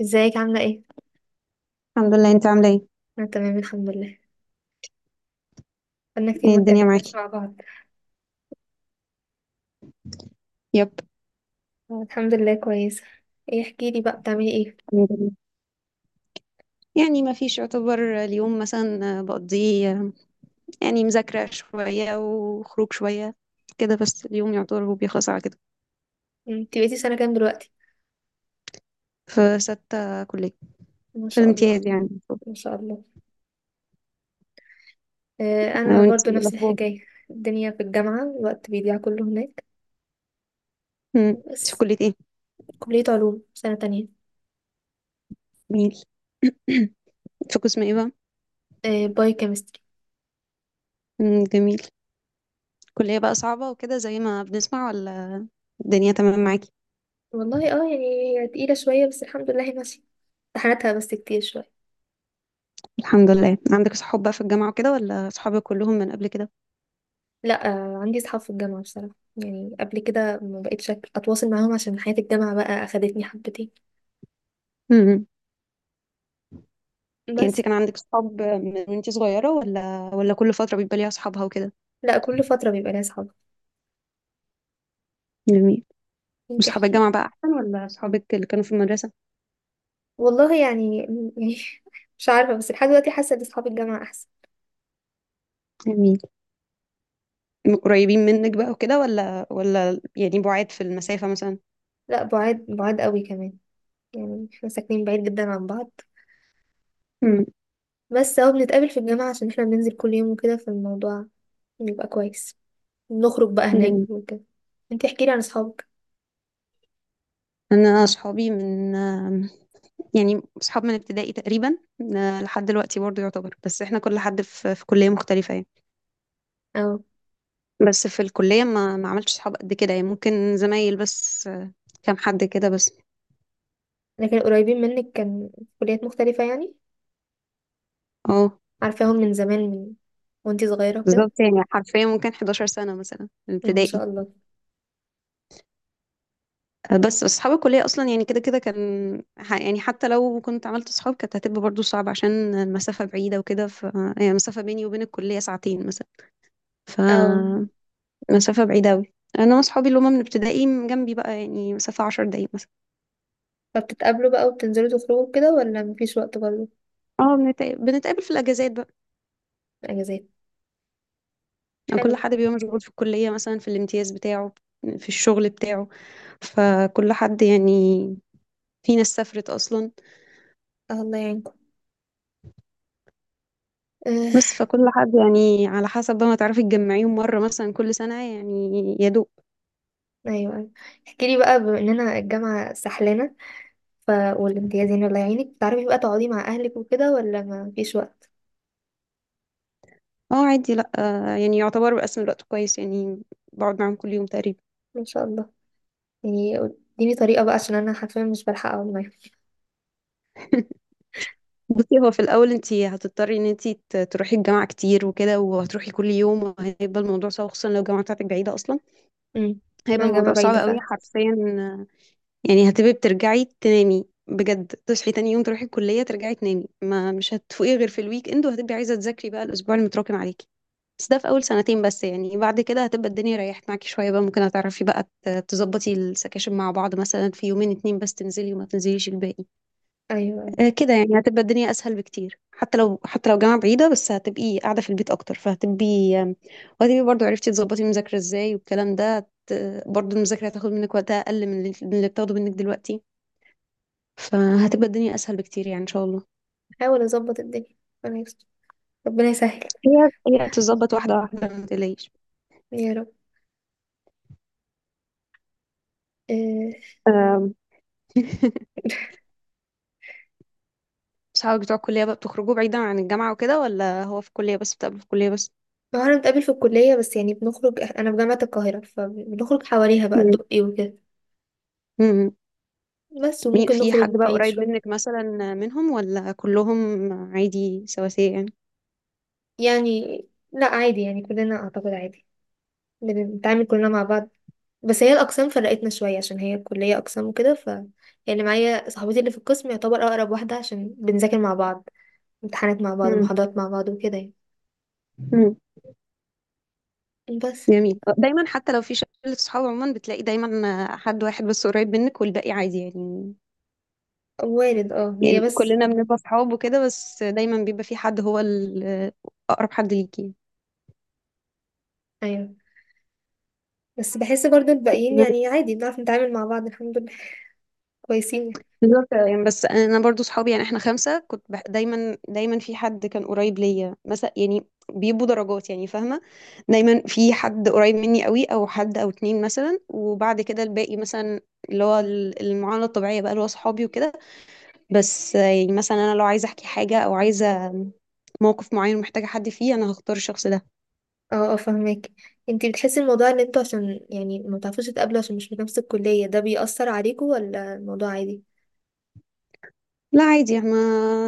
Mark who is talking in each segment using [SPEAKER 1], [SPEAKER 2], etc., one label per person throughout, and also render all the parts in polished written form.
[SPEAKER 1] ازيك عاملة ايه؟
[SPEAKER 2] الحمد لله. انت عامله ايه؟
[SPEAKER 1] انا تمام الحمد لله. بقالنا كتير
[SPEAKER 2] ايه
[SPEAKER 1] ما
[SPEAKER 2] الدنيا
[SPEAKER 1] اتكلمناش
[SPEAKER 2] معاكي؟
[SPEAKER 1] مع بعض.
[SPEAKER 2] يب.
[SPEAKER 1] آه، الحمد لله كويسة. ايه احكي لي بقى بتعملي ايه؟
[SPEAKER 2] الحمد لله. يعني ما فيش يعتبر. اليوم مثلا بقضيه يعني مذاكره شويه وخروج شويه. كده بس اليوم يعتبر هو بيخلص على كده.
[SPEAKER 1] انت بقيتي سنة كام دلوقتي؟
[SPEAKER 2] في ستة كلية.
[SPEAKER 1] ما
[SPEAKER 2] في
[SPEAKER 1] شاء الله.
[SPEAKER 2] الامتياز يعني.
[SPEAKER 1] ما شاء الله. آه
[SPEAKER 2] آه،
[SPEAKER 1] انا
[SPEAKER 2] وانت
[SPEAKER 1] برضو
[SPEAKER 2] ايه
[SPEAKER 1] نفس
[SPEAKER 2] الاخبار؟
[SPEAKER 1] الحكاية، الدنيا في الجامعة الوقت بيضيع كله هناك.
[SPEAKER 2] مم. انت في
[SPEAKER 1] بس
[SPEAKER 2] كلية ايه؟
[SPEAKER 1] كلية علوم سنة تانية.
[SPEAKER 2] جميل. في قسم ايه بقى؟
[SPEAKER 1] آه باي كيمستري.
[SPEAKER 2] مم، جميل. كلية بقى صعبة وكده زي ما بنسمع، ولا الدنيا تمام معاكي؟
[SPEAKER 1] والله اه، يعني، هي تقيلة شوية بس الحمد لله هي ماشية. امتحاناتها بس كتير شوية.
[SPEAKER 2] الحمد لله. عندك صحاب بقى في الجامعة وكده، ولا صحابك كلهم من قبل
[SPEAKER 1] لا آه عندي صحاب في الجامعة، بصراحة يعني قبل كده ما بقيتش أتواصل معاهم عشان حياة الجامعة بقى أخدتني حبتين.
[SPEAKER 2] كده؟ يعني انت
[SPEAKER 1] بس
[SPEAKER 2] كان عندك صحاب من وانت صغيرة، ولا كل فترة بيبقى ليها صحابها وكده؟
[SPEAKER 1] لا، كل فترة بيبقى ليا صحاب.
[SPEAKER 2] جميل.
[SPEAKER 1] انت
[SPEAKER 2] وصحاب
[SPEAKER 1] احكي.
[SPEAKER 2] الجامعة بقى احسن ولا صحابك اللي كانوا في المدرسة؟
[SPEAKER 1] والله يعني مش عارفة، بس لحد دلوقتي حاسة ان صحاب الجامعة احسن.
[SPEAKER 2] جميل. قريبين منك بقى وكده، ولا يعني بعاد في المسافة مثلا؟
[SPEAKER 1] لا، بعاد بعاد قوي كمان، يعني احنا ساكنين بعيد جدا عن بعض.
[SPEAKER 2] امم.
[SPEAKER 1] بس اهو بنتقابل في الجامعة عشان احنا بننزل كل يوم وكده، فالموضوع بيبقى كويس. نخرج بقى هناك
[SPEAKER 2] جميل.
[SPEAKER 1] وكده. انت احكي لي عن اصحابك.
[SPEAKER 2] انا صحابي من يعني صحاب من ابتدائي تقريبا. لحد دلوقتي برضه يعتبر، بس احنا كل حد في كلية مختلفة يعني.
[SPEAKER 1] اه
[SPEAKER 2] بس في الكلية ما عملتش صحاب قد كده، يعني ممكن زمايل بس. كام حد كده بس.
[SPEAKER 1] لكن قريبين منك، كان في كليات مختلفة يعني.
[SPEAKER 2] اه،
[SPEAKER 1] عارفاهم من زمان، من وانتي صغيرة كده.
[SPEAKER 2] بالظبط. يعني حرفيا ممكن 11 سنة مثلا
[SPEAKER 1] ما شاء
[SPEAKER 2] ابتدائي.
[SPEAKER 1] الله.
[SPEAKER 2] بس أصحاب الكلية أصلا يعني كده كده كان يعني حتى لو كنت عملت أصحاب كانت هتبقى برضو صعبة عشان المسافة بعيدة وكده، ف يعني المسافة بيني وبين الكلية ساعتين مثلا.
[SPEAKER 1] اه
[SPEAKER 2] فمسافة بعيدة أوي. أنا وأصحابي اللي هما من ابتدائي جنبي بقى، يعني مسافة 10 دقايق مثلا.
[SPEAKER 1] فبتتقابلوا بقى وبتنزلوا تخرجوا كده ولا مفيش وقت برضه؟
[SPEAKER 2] اه، بنتقابل في الأجازات بقى.
[SPEAKER 1] اجازات.
[SPEAKER 2] يعني كل
[SPEAKER 1] حلو.
[SPEAKER 2] حد بيبقى مشغول في الكلية، مثلا في الامتياز بتاعه، في الشغل بتاعه، فكل حد يعني. في ناس سافرت أصلا.
[SPEAKER 1] آه، الله يعينكم. آه،
[SPEAKER 2] بس فكل حد يعني على حسب بقى، ما تعرفي تجمعيهم مرة مثلا كل سنة يعني، يا دوب.
[SPEAKER 1] ايوه. احكي لي بقى، بما اننا الجامعه سحلانه ف والامتيازين الله يعينك، تعرفي بقى تقعدي مع اهلك وكده ولا ما فيش وقت؟
[SPEAKER 2] اه، عادي. لا، يعني يعتبر بقسم الوقت كويس يعني. بقعد معاهم كل يوم تقريبا.
[SPEAKER 1] ما شاء الله. يعني اديني طريقه بقى عشان انا حرفيا مش بلحق اقعد معاهم.
[SPEAKER 2] بصي، هو في الأول انتي هتضطري ان انتي تروحي الجامعة كتير وكده، وهتروحي كل يوم، وهيبقى الموضوع صعب خصوصا لو الجامعة بتاعتك بعيدة أصلا.
[SPEAKER 1] امم،
[SPEAKER 2] هيبقى
[SPEAKER 1] مع جامعه
[SPEAKER 2] الموضوع صعب
[SPEAKER 1] بعيده
[SPEAKER 2] قوي
[SPEAKER 1] فعلا.
[SPEAKER 2] حرفيا. يعني هتبقي بترجعي تنامي بجد، تصحي تاني يوم تروحي الكلية، ترجعي تنامي، ما مش هتفوقي غير في الويك اند، وهتبقي عايزة تذاكري بقى الأسبوع المتراكم عليكي. بس ده في أول سنتين بس. يعني بعد كده هتبقى الدنيا ريحت معاكي شوية بقى، ممكن هتعرفي بقى تظبطي السكاشن مع بعض مثلا في يومين اتنين بس، تنزلي وما تنزليش الباقي.
[SPEAKER 1] ايوه أيوة.
[SPEAKER 2] كده يعني هتبقى الدنيا أسهل بكتير. حتى لو جامعة بعيدة بس هتبقي قاعدة في البيت أكتر، فهتبقي وهتبقي برضه عرفتي تظبطي المذاكرة ازاي والكلام ده. برضه المذاكرة هتاخد منك وقتها أقل من اللي بتاخده منك دلوقتي. فهتبقى الدنيا أسهل بكتير يعني، إن شاء الله.
[SPEAKER 1] حاول اظبط الدنيا. ربنا يستر. ربنا يسهل.
[SPEAKER 2] هي هي بتتظبط واحدة واحدة، ما تقلقيش.
[SPEAKER 1] يا رب. آه،
[SPEAKER 2] آم، صحابك بتوع الكلية بقى بتخرجوا بعيدا عن الجامعة وكده، ولا هو في الكلية بس بتقابلوا في الكلية بس؟
[SPEAKER 1] ما هو احنا بنتقابل في الكليه بس، يعني بنخرج، انا في جامعه القاهره فبنخرج حواليها بقى،
[SPEAKER 2] مم.
[SPEAKER 1] الدقي وكده.
[SPEAKER 2] مم.
[SPEAKER 1] بس
[SPEAKER 2] مين
[SPEAKER 1] وممكن
[SPEAKER 2] في
[SPEAKER 1] نخرج
[SPEAKER 2] حد بقى
[SPEAKER 1] بعيد
[SPEAKER 2] قريب
[SPEAKER 1] شويه.
[SPEAKER 2] منك مثلا منهم، ولا كلهم عادي سواسية يعني؟
[SPEAKER 1] يعني لا عادي، يعني كلنا اعتقد عادي. بنتعامل كلنا مع بعض. بس هي الاقسام فرقتنا شويه عشان هي الكليه اقسام وكده ف يعني معايا صاحبتي اللي في القسم يعتبر اقرب واحده عشان بنذاكر مع بعض، امتحانات مع بعض،
[SPEAKER 2] مم.
[SPEAKER 1] محاضرات مع بعض وكده يعني.
[SPEAKER 2] مم.
[SPEAKER 1] بس
[SPEAKER 2] جميل. دايما حتى لو في شلة صحاب عموما بتلاقي دايما حد واحد بس قريب منك والباقي عادي يعني.
[SPEAKER 1] وارد اه، هي
[SPEAKER 2] يعني
[SPEAKER 1] بس.
[SPEAKER 2] كلنا بنبقى صحاب وكده، بس دايما بيبقى في حد هو أقرب حد ليكي.
[SPEAKER 1] ايوه، بس بحس برضو الباقيين يعني عادي، بنعرف نتعامل مع بعض الحمد لله. كويسين.
[SPEAKER 2] بالظبط يعني. بس انا برضو صحابي يعني، احنا خمسه كنت دايما دايما في حد كان قريب ليا مثلا يعني. بيبقوا درجات يعني، فاهمه؟ دايما في حد قريب مني قوي، او حد او اتنين مثلا، وبعد كده الباقي مثلا اللي هو المعامله الطبيعيه بقى اللي هو صحابي وكده. بس يعني مثلا انا لو عايزه احكي حاجه او عايزه موقف معين ومحتاجه حد فيه، انا هختار الشخص ده.
[SPEAKER 1] اه اه فهماكي. انتي بتحسي الموضوع اللي انتوا عشان يعني ما بتعرفوش تتقابلوا عشان مش في نفس الكليه ده بيأثر عليكوا ولا الموضوع عادي؟
[SPEAKER 2] لا عادي، احنا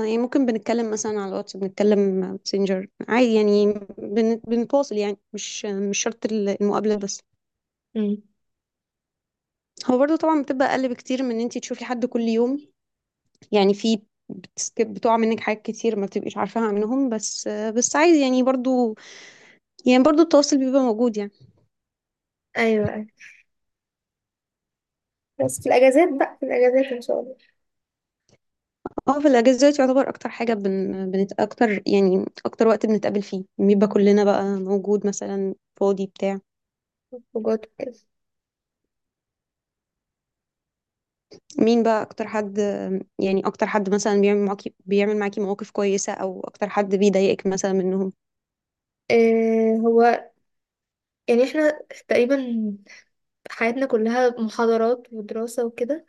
[SPEAKER 2] يعني ممكن بنتكلم مثلا على الواتس، بنتكلم ماسنجر عادي يعني بنتواصل يعني، مش شرط المقابله بس.
[SPEAKER 1] امم.
[SPEAKER 2] هو برضه طبعا بتبقى اقل بكتير من ان انت تشوفي حد كل يوم. يعني في بتسكب بتقع منك حاجات كتير ما بتبقيش عارفاها عنهم، بس عايز يعني برضو. يعني برضو التواصل بيبقى موجود يعني.
[SPEAKER 1] ايوه أيوة. بس في الأجازات بقى، في الأجازات إن شاء الله.
[SPEAKER 2] اه، في الاجازات يعتبر اكتر حاجه بنت اكتر، يعني اكتر وقت بنتقابل فيه بيبقى كلنا بقى موجود مثلا. فاضي بتاع.
[SPEAKER 1] خروجات وكده.
[SPEAKER 2] مين بقى اكتر حد؟ يعني اكتر حد مثلا بيعمل معاكي مواقف كويسه، او اكتر حد بيضايقك مثلا منهم؟
[SPEAKER 1] آه هو يعني احنا تقريبا حياتنا كلها محاضرات ودراسة وكده،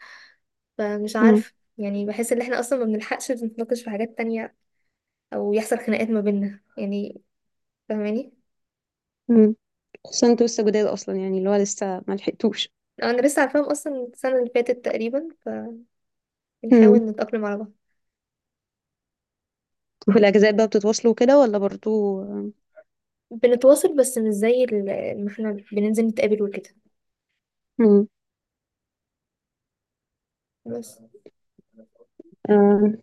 [SPEAKER 1] فمش
[SPEAKER 2] امم
[SPEAKER 1] عارف يعني بحس ان احنا اصلا ما بنلحقش نتناقش في حاجات تانية او يحصل خناقات ما بيننا يعني. فاهماني.
[SPEAKER 2] امم خصوصا انتوا لسه جداد اصلا، يعني اللي هو لسه ما لحقتوش.
[SPEAKER 1] انا لسه عارفاهم اصلا السنة اللي فاتت تقريبا، فبنحاول نتأقلم على بعض.
[SPEAKER 2] وفي الأجازات بقى بتتواصلوا كده، ولا برضو؟
[SPEAKER 1] بنتواصل، بس مش زي ما احنا بننزل نتقابل وكده.
[SPEAKER 2] مم.
[SPEAKER 1] بس
[SPEAKER 2] آه،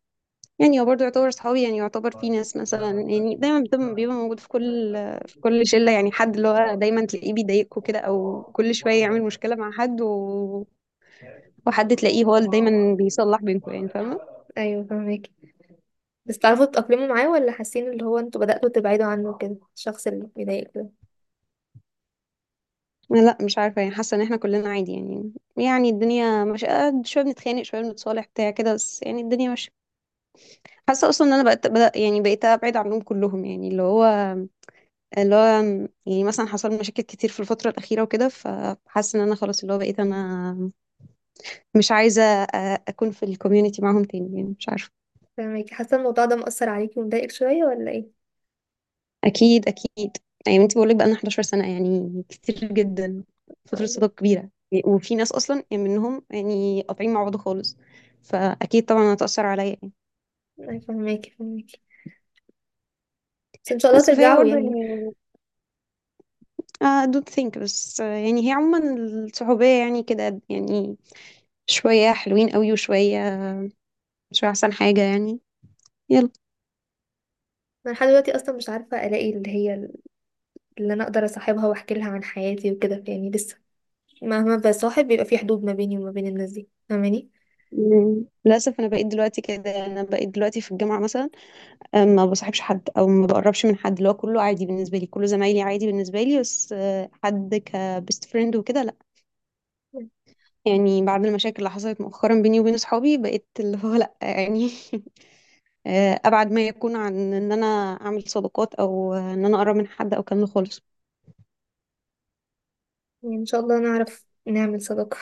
[SPEAKER 2] يعني هو برضو يعتبر صحابي يعني. يعتبر في ناس مثلا يعني دايما بيبقى موجود في كل شلة، يعني حد اللي هو دايما تلاقيه بيضايقكوا كده أو كل شوية يعمل مشكلة مع حد وحد تلاقيه هو اللي دايما بيصلح بينكوا يعني، فاهمة؟
[SPEAKER 1] ايوه فاهمك. بس تعرفوا تتأقلموا معاه ولا حاسين اللي هو انتوا بدأتوا تبعدوا عنه كده، الشخص اللي بيضايقك ده؟
[SPEAKER 2] لا مش عارفة، يعني حاسة إن احنا كلنا عادي. يعني الدنيا مش، شوية بنتخانق شوية بنتصالح بتاع كده، بس يعني الدنيا مش. حاسة أصلا إن أنا بقت بدأ يعني بقيت أبعد عنهم كلهم يعني اللي هو. يعني مثلا حصل لي مشاكل كتير في الفترة الأخيرة وكده، فحاسة إن أنا خلاص اللي هو بقيت أنا مش عايزة أكون في الكوميونتي معاهم تاني يعني، مش عارفة.
[SPEAKER 1] فاهماكي، حاسة الموضوع ده مأثر عليكي ومضايقك شوية ولا ايه؟
[SPEAKER 2] أكيد أكيد. يعني أنت بقولك بقالنا 11 سنة، يعني كتير جدا، فترة
[SPEAKER 1] أو-
[SPEAKER 2] صداقة كبيرة. وفي ناس أصلا يعني منهم يعني قاطعين مع بعض خالص، فأكيد طبعا هتأثر عليا يعني.
[SPEAKER 1] أي فاهماكي فاهماكي. بس ان شاء الله
[SPEAKER 2] بس فهي
[SPEAKER 1] ترجعوا
[SPEAKER 2] برضه
[SPEAKER 1] يعني.
[SPEAKER 2] يعني، I don't think، بس يعني هي عموما الصحوبية يعني كده يعني، شوية حلوين قوي وشوية مش أحسن حاجة يعني، يلا.
[SPEAKER 1] انا لحد دلوقتي اصلا مش عارفة الاقي اللي هي اللي انا اقدر اصاحبها واحكي لها عن حياتي وكده، يعني لسه مهما بصاحب بيبقى في حدود ما بيني وما بين الناس دي. فاهماني؟
[SPEAKER 2] مم. للأسف أنا بقيت دلوقتي كده، أنا بقيت دلوقتي في الجامعة مثلا. ما بصاحبش حد أو ما بقربش من حد، اللي هو كله عادي بالنسبة لي، كله زمايلي عادي بالنسبة لي، بس حد كبيست فريند وكده لأ. يعني بعد المشاكل اللي حصلت مؤخرا بيني وبين صحابي، بقيت اللي هو لأ يعني. أبعد ما يكون عن إن أنا أعمل صداقات، أو إن أنا أقرب من حد أو كلام خالص.
[SPEAKER 1] يعني ان شاء الله نعرف نعمل صداقة.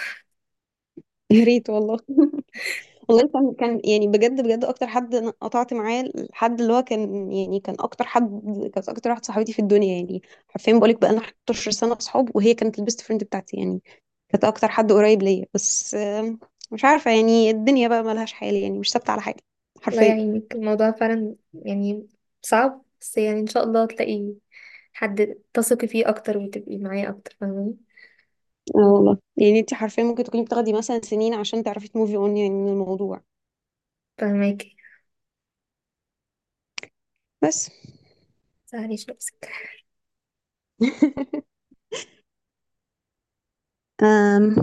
[SPEAKER 2] يا ريت والله. والله كان يعني بجد بجد اكتر حد انا قطعت معاه، الحد اللي هو كان يعني، كان اكتر حد، كانت اكتر واحده صاحبتي في الدنيا يعني. حرفيا بقولك بقى لنا 11 سنه اصحاب، وهي كانت البيست فريند بتاعتي يعني. كانت اكتر حد قريب ليا، بس مش عارفه يعني، الدنيا بقى ملهاش حال يعني، مش ثابته على حاجه.
[SPEAKER 1] الله
[SPEAKER 2] حرفيا.
[SPEAKER 1] يعينك، الموضوع فعلا يعني صعب، بس يعني ان شاء الله تلاقي حد تثقي فيه اكتر وتبقي معاه اكتر. فاهماني.
[SPEAKER 2] اه والله يعني، انت حرفيا ممكن تكوني بتاخدي مثلا سنين عشان تعرفي تموفي اون يعني من الموضوع.
[SPEAKER 1] فاهماكي،
[SPEAKER 2] بس
[SPEAKER 1] متزعليش نفسك.
[SPEAKER 2] أم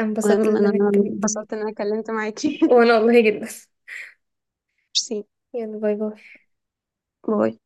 [SPEAKER 1] انبسطت
[SPEAKER 2] المهم انا
[SPEAKER 1] لما اتكلمت
[SPEAKER 2] انبسطت ان
[SPEAKER 1] معاكي.
[SPEAKER 2] انا اتكلمت معاكي.
[SPEAKER 1] وانا والله جدا.
[SPEAKER 2] ميرسي.
[SPEAKER 1] يلا، باي باي.
[SPEAKER 2] باي.